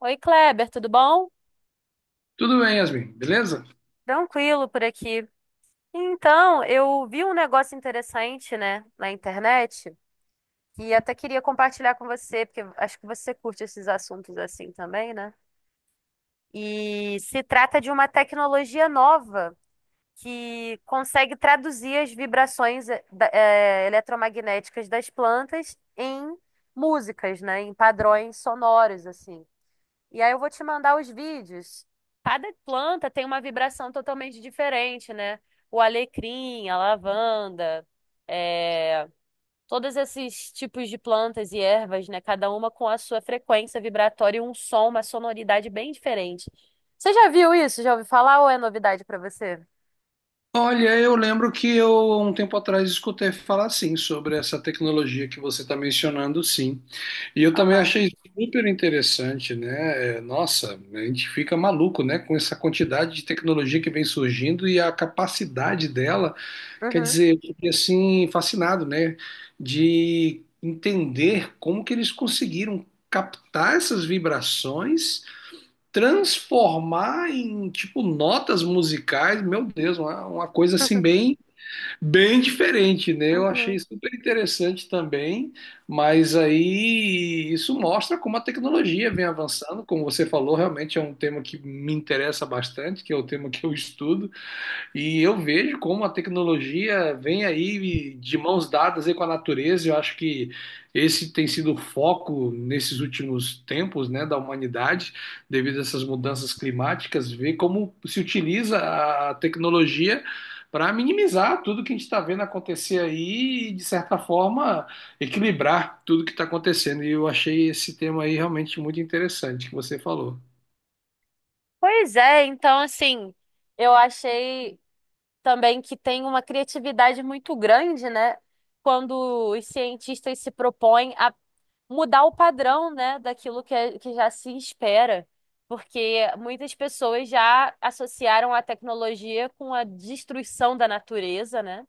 Oi, Kleber, tudo bom? Tudo bem, Yasmin, beleza? Tranquilo por aqui. Então, eu vi um negócio interessante, né, na internet e até queria compartilhar com você, porque acho que você curte esses assuntos assim também, né? E se trata de uma tecnologia nova que consegue traduzir as vibrações eletromagnéticas das plantas em músicas, né, em padrões sonoros, assim. E aí eu vou te mandar os vídeos. Cada planta tem uma vibração totalmente diferente, né? O alecrim, a lavanda, é, todos esses tipos de plantas e ervas, né? Cada uma com a sua frequência vibratória e um som, uma sonoridade bem diferente. Você já viu isso? Já ouviu falar ou é novidade para você? Olha, eu lembro que eu, há um tempo atrás, escutei falar, sim, sobre essa tecnologia que você está mencionando, sim. E eu também Aham. achei super interessante, né? É, nossa, a gente fica maluco, né? Com essa quantidade de tecnologia que vem surgindo e a capacidade dela, quer Uhum. dizer, eu fiquei assim, fascinado, né? De entender como que eles conseguiram captar essas vibrações, transformar em tipo notas musicais, meu Deus, uma coisa assim bem bem diferente, né? Eu achei Uhum. super interessante também, mas aí isso mostra como a tecnologia vem avançando, como você falou, realmente é um tema que me interessa bastante, que é o tema que eu estudo. E eu vejo como a tecnologia vem aí de mãos dadas aí com a natureza. Eu acho que esse tem sido o foco nesses últimos tempos, né, da humanidade, devido a essas mudanças climáticas, ver como se utiliza a tecnologia para minimizar tudo que a gente está vendo acontecer aí e, de certa forma, equilibrar tudo que está acontecendo. E eu achei esse tema aí realmente muito interessante que você falou. Pois é, então assim, eu achei também que tem uma criatividade muito grande, né? Quando os cientistas se propõem a mudar o padrão, né, daquilo que, que já se espera, porque muitas pessoas já associaram a tecnologia com a destruição da natureza, né?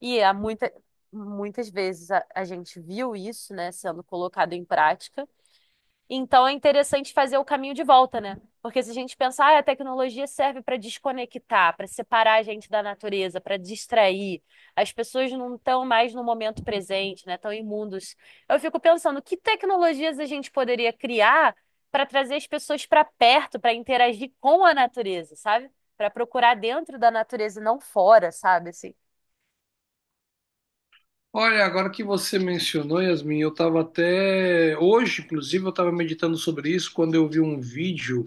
E muitas vezes a gente viu isso, né, sendo colocado em prática. Então é interessante fazer o caminho de volta, né? Porque se a gente pensar, ah, a tecnologia serve para desconectar, para separar a gente da natureza, para distrair, as pessoas não estão mais no momento presente, né? Estão imundos. Eu fico pensando, que tecnologias a gente poderia criar para trazer as pessoas para perto, para interagir com a natureza, sabe? Para procurar dentro da natureza e não fora, sabe? Assim. Olha, agora que você mencionou, Yasmin, eu estava até. Hoje, inclusive, eu estava meditando sobre isso quando eu vi um vídeo.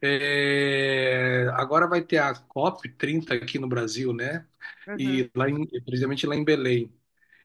Agora vai ter a COP30 aqui no Brasil, né? Uhum, E precisamente lá em Belém.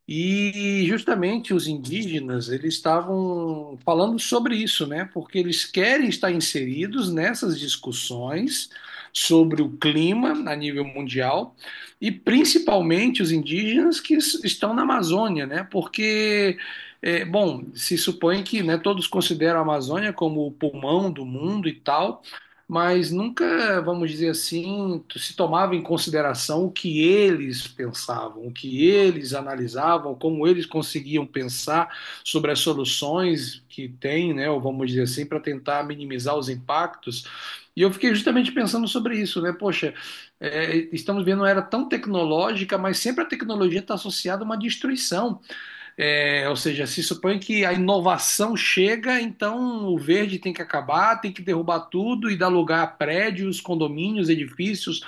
E justamente os indígenas, eles estavam falando sobre isso, né? Porque eles querem estar inseridos nessas discussões sobre o clima a nível mundial e principalmente os indígenas que estão na Amazônia, né? Porque, bom, se supõe que, né, todos consideram a Amazônia como o pulmão do mundo e tal, mas nunca, vamos dizer assim, se tomava em consideração o que eles pensavam, o que eles analisavam, como eles conseguiam pensar sobre as soluções que têm, né, ou vamos dizer assim, para tentar minimizar os impactos. E eu fiquei justamente pensando sobre isso, né? Poxa, estamos vendo uma era tão tecnológica, mas sempre a tecnologia está associada a uma destruição. É, ou seja, se supõe que a inovação chega, então o verde tem que acabar, tem que derrubar tudo e dar lugar a prédios, condomínios, edifícios,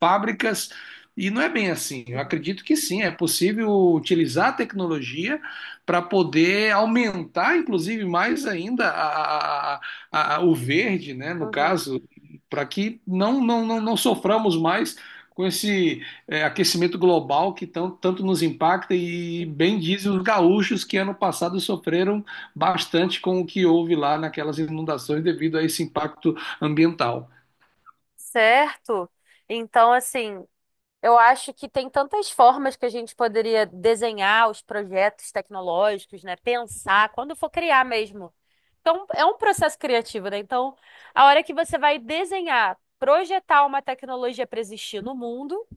fábricas. E não é bem assim. Eu uhum, acredito que sim, é possível utilizar a tecnologia para poder aumentar, inclusive, mais ainda o verde, né, no uhum. caso, para que não soframos mais com esse aquecimento global que tanto nos impacta e bem dizem os gaúchos que ano passado sofreram bastante com o que houve lá naquelas inundações devido a esse impacto ambiental. Certo? Então, assim, eu acho que tem tantas formas que a gente poderia desenhar os projetos tecnológicos, né? Pensar, quando for criar mesmo. Então, é um processo criativo, né? Então, a hora que você vai desenhar, projetar uma tecnologia para existir no mundo,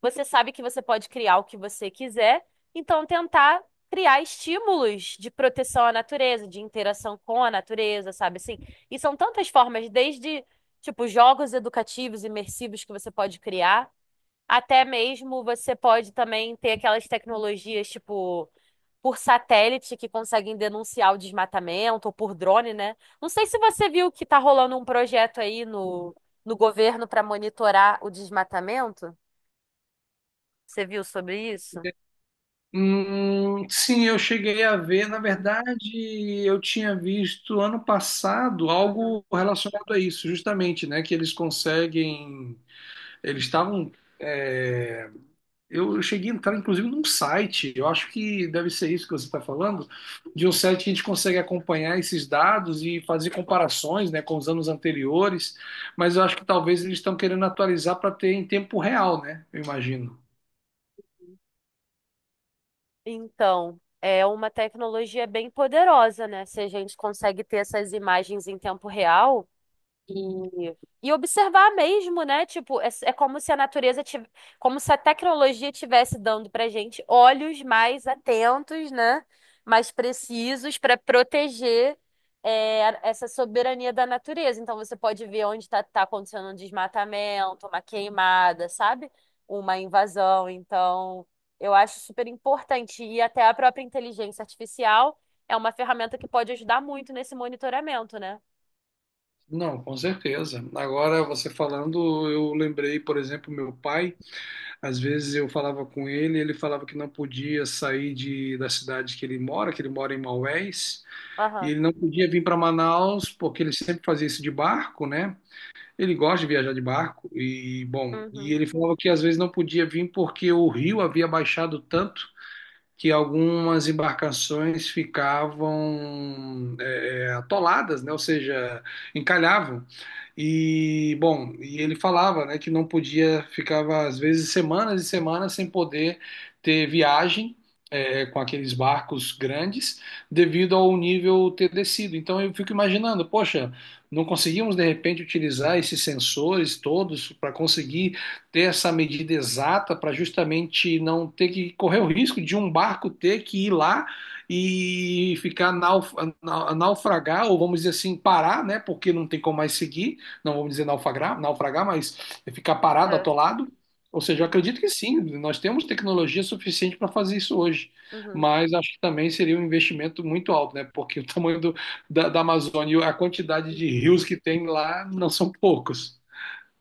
você sabe que você pode criar o que você quiser. Então, tentar criar estímulos de proteção à natureza, de interação com a natureza, sabe assim? E são tantas formas, desde, tipo, jogos educativos, imersivos que você pode criar. Até mesmo você pode também ter aquelas tecnologias, tipo, por satélite que conseguem denunciar o desmatamento, ou por drone, né? Não sei se você viu que tá rolando um projeto aí no governo para monitorar o desmatamento. Você viu sobre isso? Sim, eu cheguei a ver. Na Uhum, verdade, eu tinha visto ano passado uhum. algo relacionado a isso, justamente, né? Que eles conseguem. Eles estavam. é, Eu cheguei a entrar, inclusive, num site, eu acho que deve ser isso que você está falando, de um site que a gente consegue acompanhar esses dados e fazer comparações, né, com os anos anteriores, mas eu acho que talvez eles estão querendo atualizar para ter em tempo real, né? Eu imagino. Então, é uma tecnologia bem poderosa, né? Se a gente consegue ter essas imagens em tempo real. E, e observar mesmo, né? Tipo, é como se a natureza tivesse, como se a tecnologia tivesse dando pra gente olhos mais atentos, né? Mais precisos para proteger essa soberania da natureza. Então você pode ver onde está acontecendo um desmatamento, uma queimada, sabe? Uma invasão. Então, eu acho super importante. E até a própria inteligência artificial é uma ferramenta que pode ajudar muito nesse monitoramento, né? Não, com certeza. Agora, você falando, eu lembrei, por exemplo, meu pai. Às vezes eu falava com ele, ele falava que não podia sair da cidade que ele mora em Maués, e Aham. ele não podia vir para Manaus, porque ele sempre fazia isso de barco, né? Ele gosta de viajar de barco e, bom, e Uhum. ele falava que às vezes não podia vir porque o rio havia baixado tanto que algumas embarcações ficavam atoladas, né? Ou seja, encalhavam. E, bom, e ele falava, né, que não podia, ficava às vezes semanas e semanas sem poder ter viagem. Com aqueles barcos grandes, devido ao nível ter descido. Então eu fico imaginando, poxa, não conseguimos de repente utilizar esses sensores todos para conseguir ter essa medida exata para justamente não ter que correr o risco de um barco ter que ir lá e ficar naufragar, ou vamos dizer assim, parar, né? Porque não tem como mais seguir, não vamos dizer naufragar, naufragar, mas é ficar parado, É. atolado. Ou seja, eu Uhum. acredito que sim, nós temos tecnologia suficiente para fazer isso hoje, Uhum. mas acho que também seria um investimento muito alto, né? Porque o tamanho da Amazônia e a quantidade de Uhum. rios que tem lá não são poucos.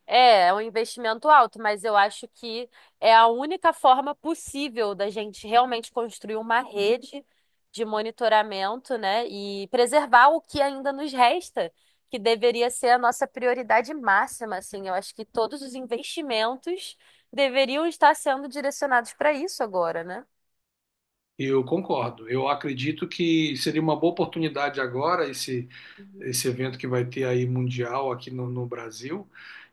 É, é um investimento alto, mas eu acho que é a única forma possível da gente realmente construir uma rede de monitoramento, né, e preservar o que ainda nos resta, que deveria ser a nossa prioridade máxima, assim. Eu acho que todos os investimentos deveriam estar sendo direcionados para isso agora, né? Eu concordo. Eu acredito que seria uma boa oportunidade agora esse, Uhum. esse evento que vai ter aí mundial aqui no Brasil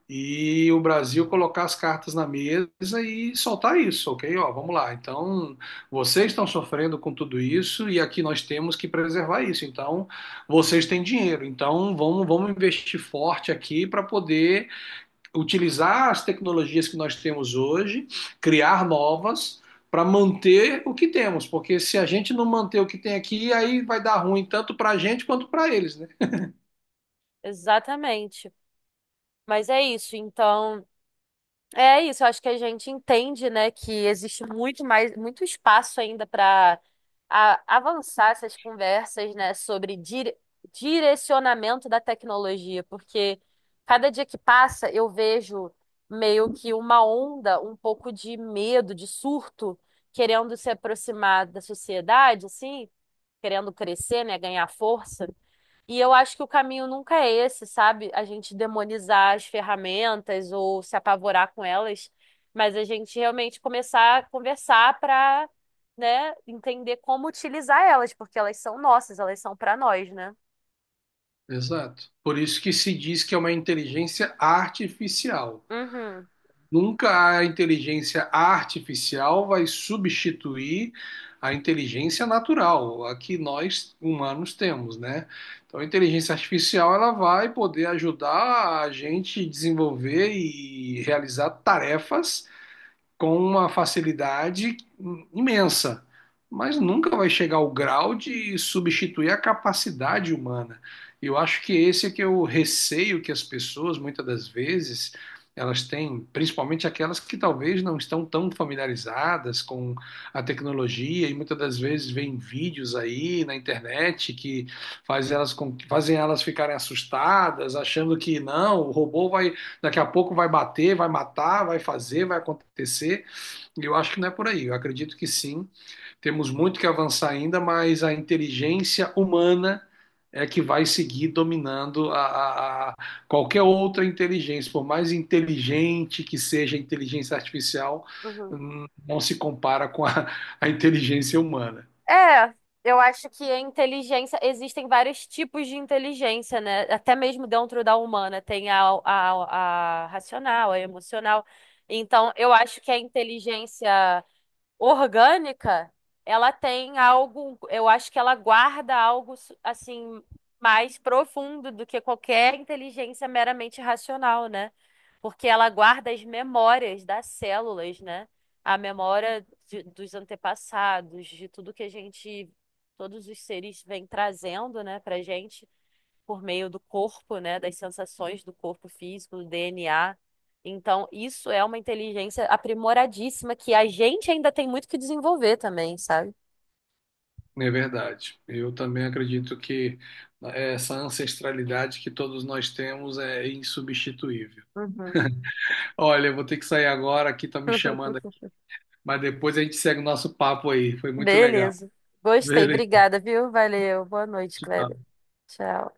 e o Brasil colocar as cartas na mesa e soltar isso, ok? Ó, vamos lá. Então, vocês estão sofrendo com tudo isso e aqui nós temos que preservar isso. Então, vocês têm dinheiro. Então, vamos investir forte aqui para poder utilizar as tecnologias que nós temos hoje, criar novas para manter o que temos, porque se a gente não manter o que tem aqui, aí vai dar ruim tanto para a gente quanto para eles, né? Exatamente. Mas é isso. Então, é isso, eu acho que a gente entende, né, que existe muito mais, muito espaço ainda para avançar essas conversas, né, sobre direcionamento da tecnologia, porque cada dia que passa eu vejo meio que uma onda, um pouco de medo, de surto, querendo se aproximar da sociedade, assim, querendo crescer, né, ganhar força. E eu acho que o caminho nunca é esse, sabe? A gente demonizar as ferramentas ou se apavorar com elas, mas a gente realmente começar a conversar para, né, entender como utilizar elas, porque elas são nossas, elas são para nós, né? Exato. Por isso que se diz que é uma inteligência artificial. Uhum, Nunca a inteligência artificial vai substituir a inteligência natural, a que nós humanos temos, né? Então, a inteligência artificial ela vai poder ajudar a gente desenvolver e realizar tarefas com uma facilidade imensa, mas nunca vai chegar ao grau de substituir a capacidade humana. E eu acho que esse é que é o receio que as pessoas, muitas das vezes, elas têm, principalmente aquelas que talvez não estão tão familiarizadas com a tecnologia e muitas das vezes veem vídeos aí na internet que fazem elas ficarem assustadas, achando que não, o robô vai daqui a pouco vai bater, vai matar, vai fazer, vai acontecer. E eu acho que não é por aí. Eu acredito que sim. Temos muito que avançar ainda, mas a inteligência humana é que vai seguir dominando a qualquer outra inteligência, por mais inteligente que seja a inteligência artificial, uhum. não se compara com a inteligência humana. É, eu acho que a inteligência, existem vários tipos de inteligência, né? Até mesmo dentro da humana, tem a racional, a emocional. Então, eu acho que a inteligência orgânica, ela tem algo, eu acho que ela guarda algo assim mais profundo do que qualquer inteligência meramente racional, né? Porque ela guarda as memórias das células, né? A memória dos antepassados, de tudo que a gente, todos os seres vêm trazendo, né, pra gente por meio do corpo, né, das sensações do corpo físico, do DNA. Então, isso é uma inteligência aprimoradíssima que a gente ainda tem muito que desenvolver também, sabe? É verdade. Eu também acredito que essa ancestralidade que todos nós temos é insubstituível. Uhum. Olha, eu vou ter que sair agora, aqui tá me chamando, mas depois a gente segue o nosso papo aí. Foi muito legal. Beleza. Gostei, Beleza. obrigada, viu? Valeu. Boa noite, Kleber. Tchau. Tchau.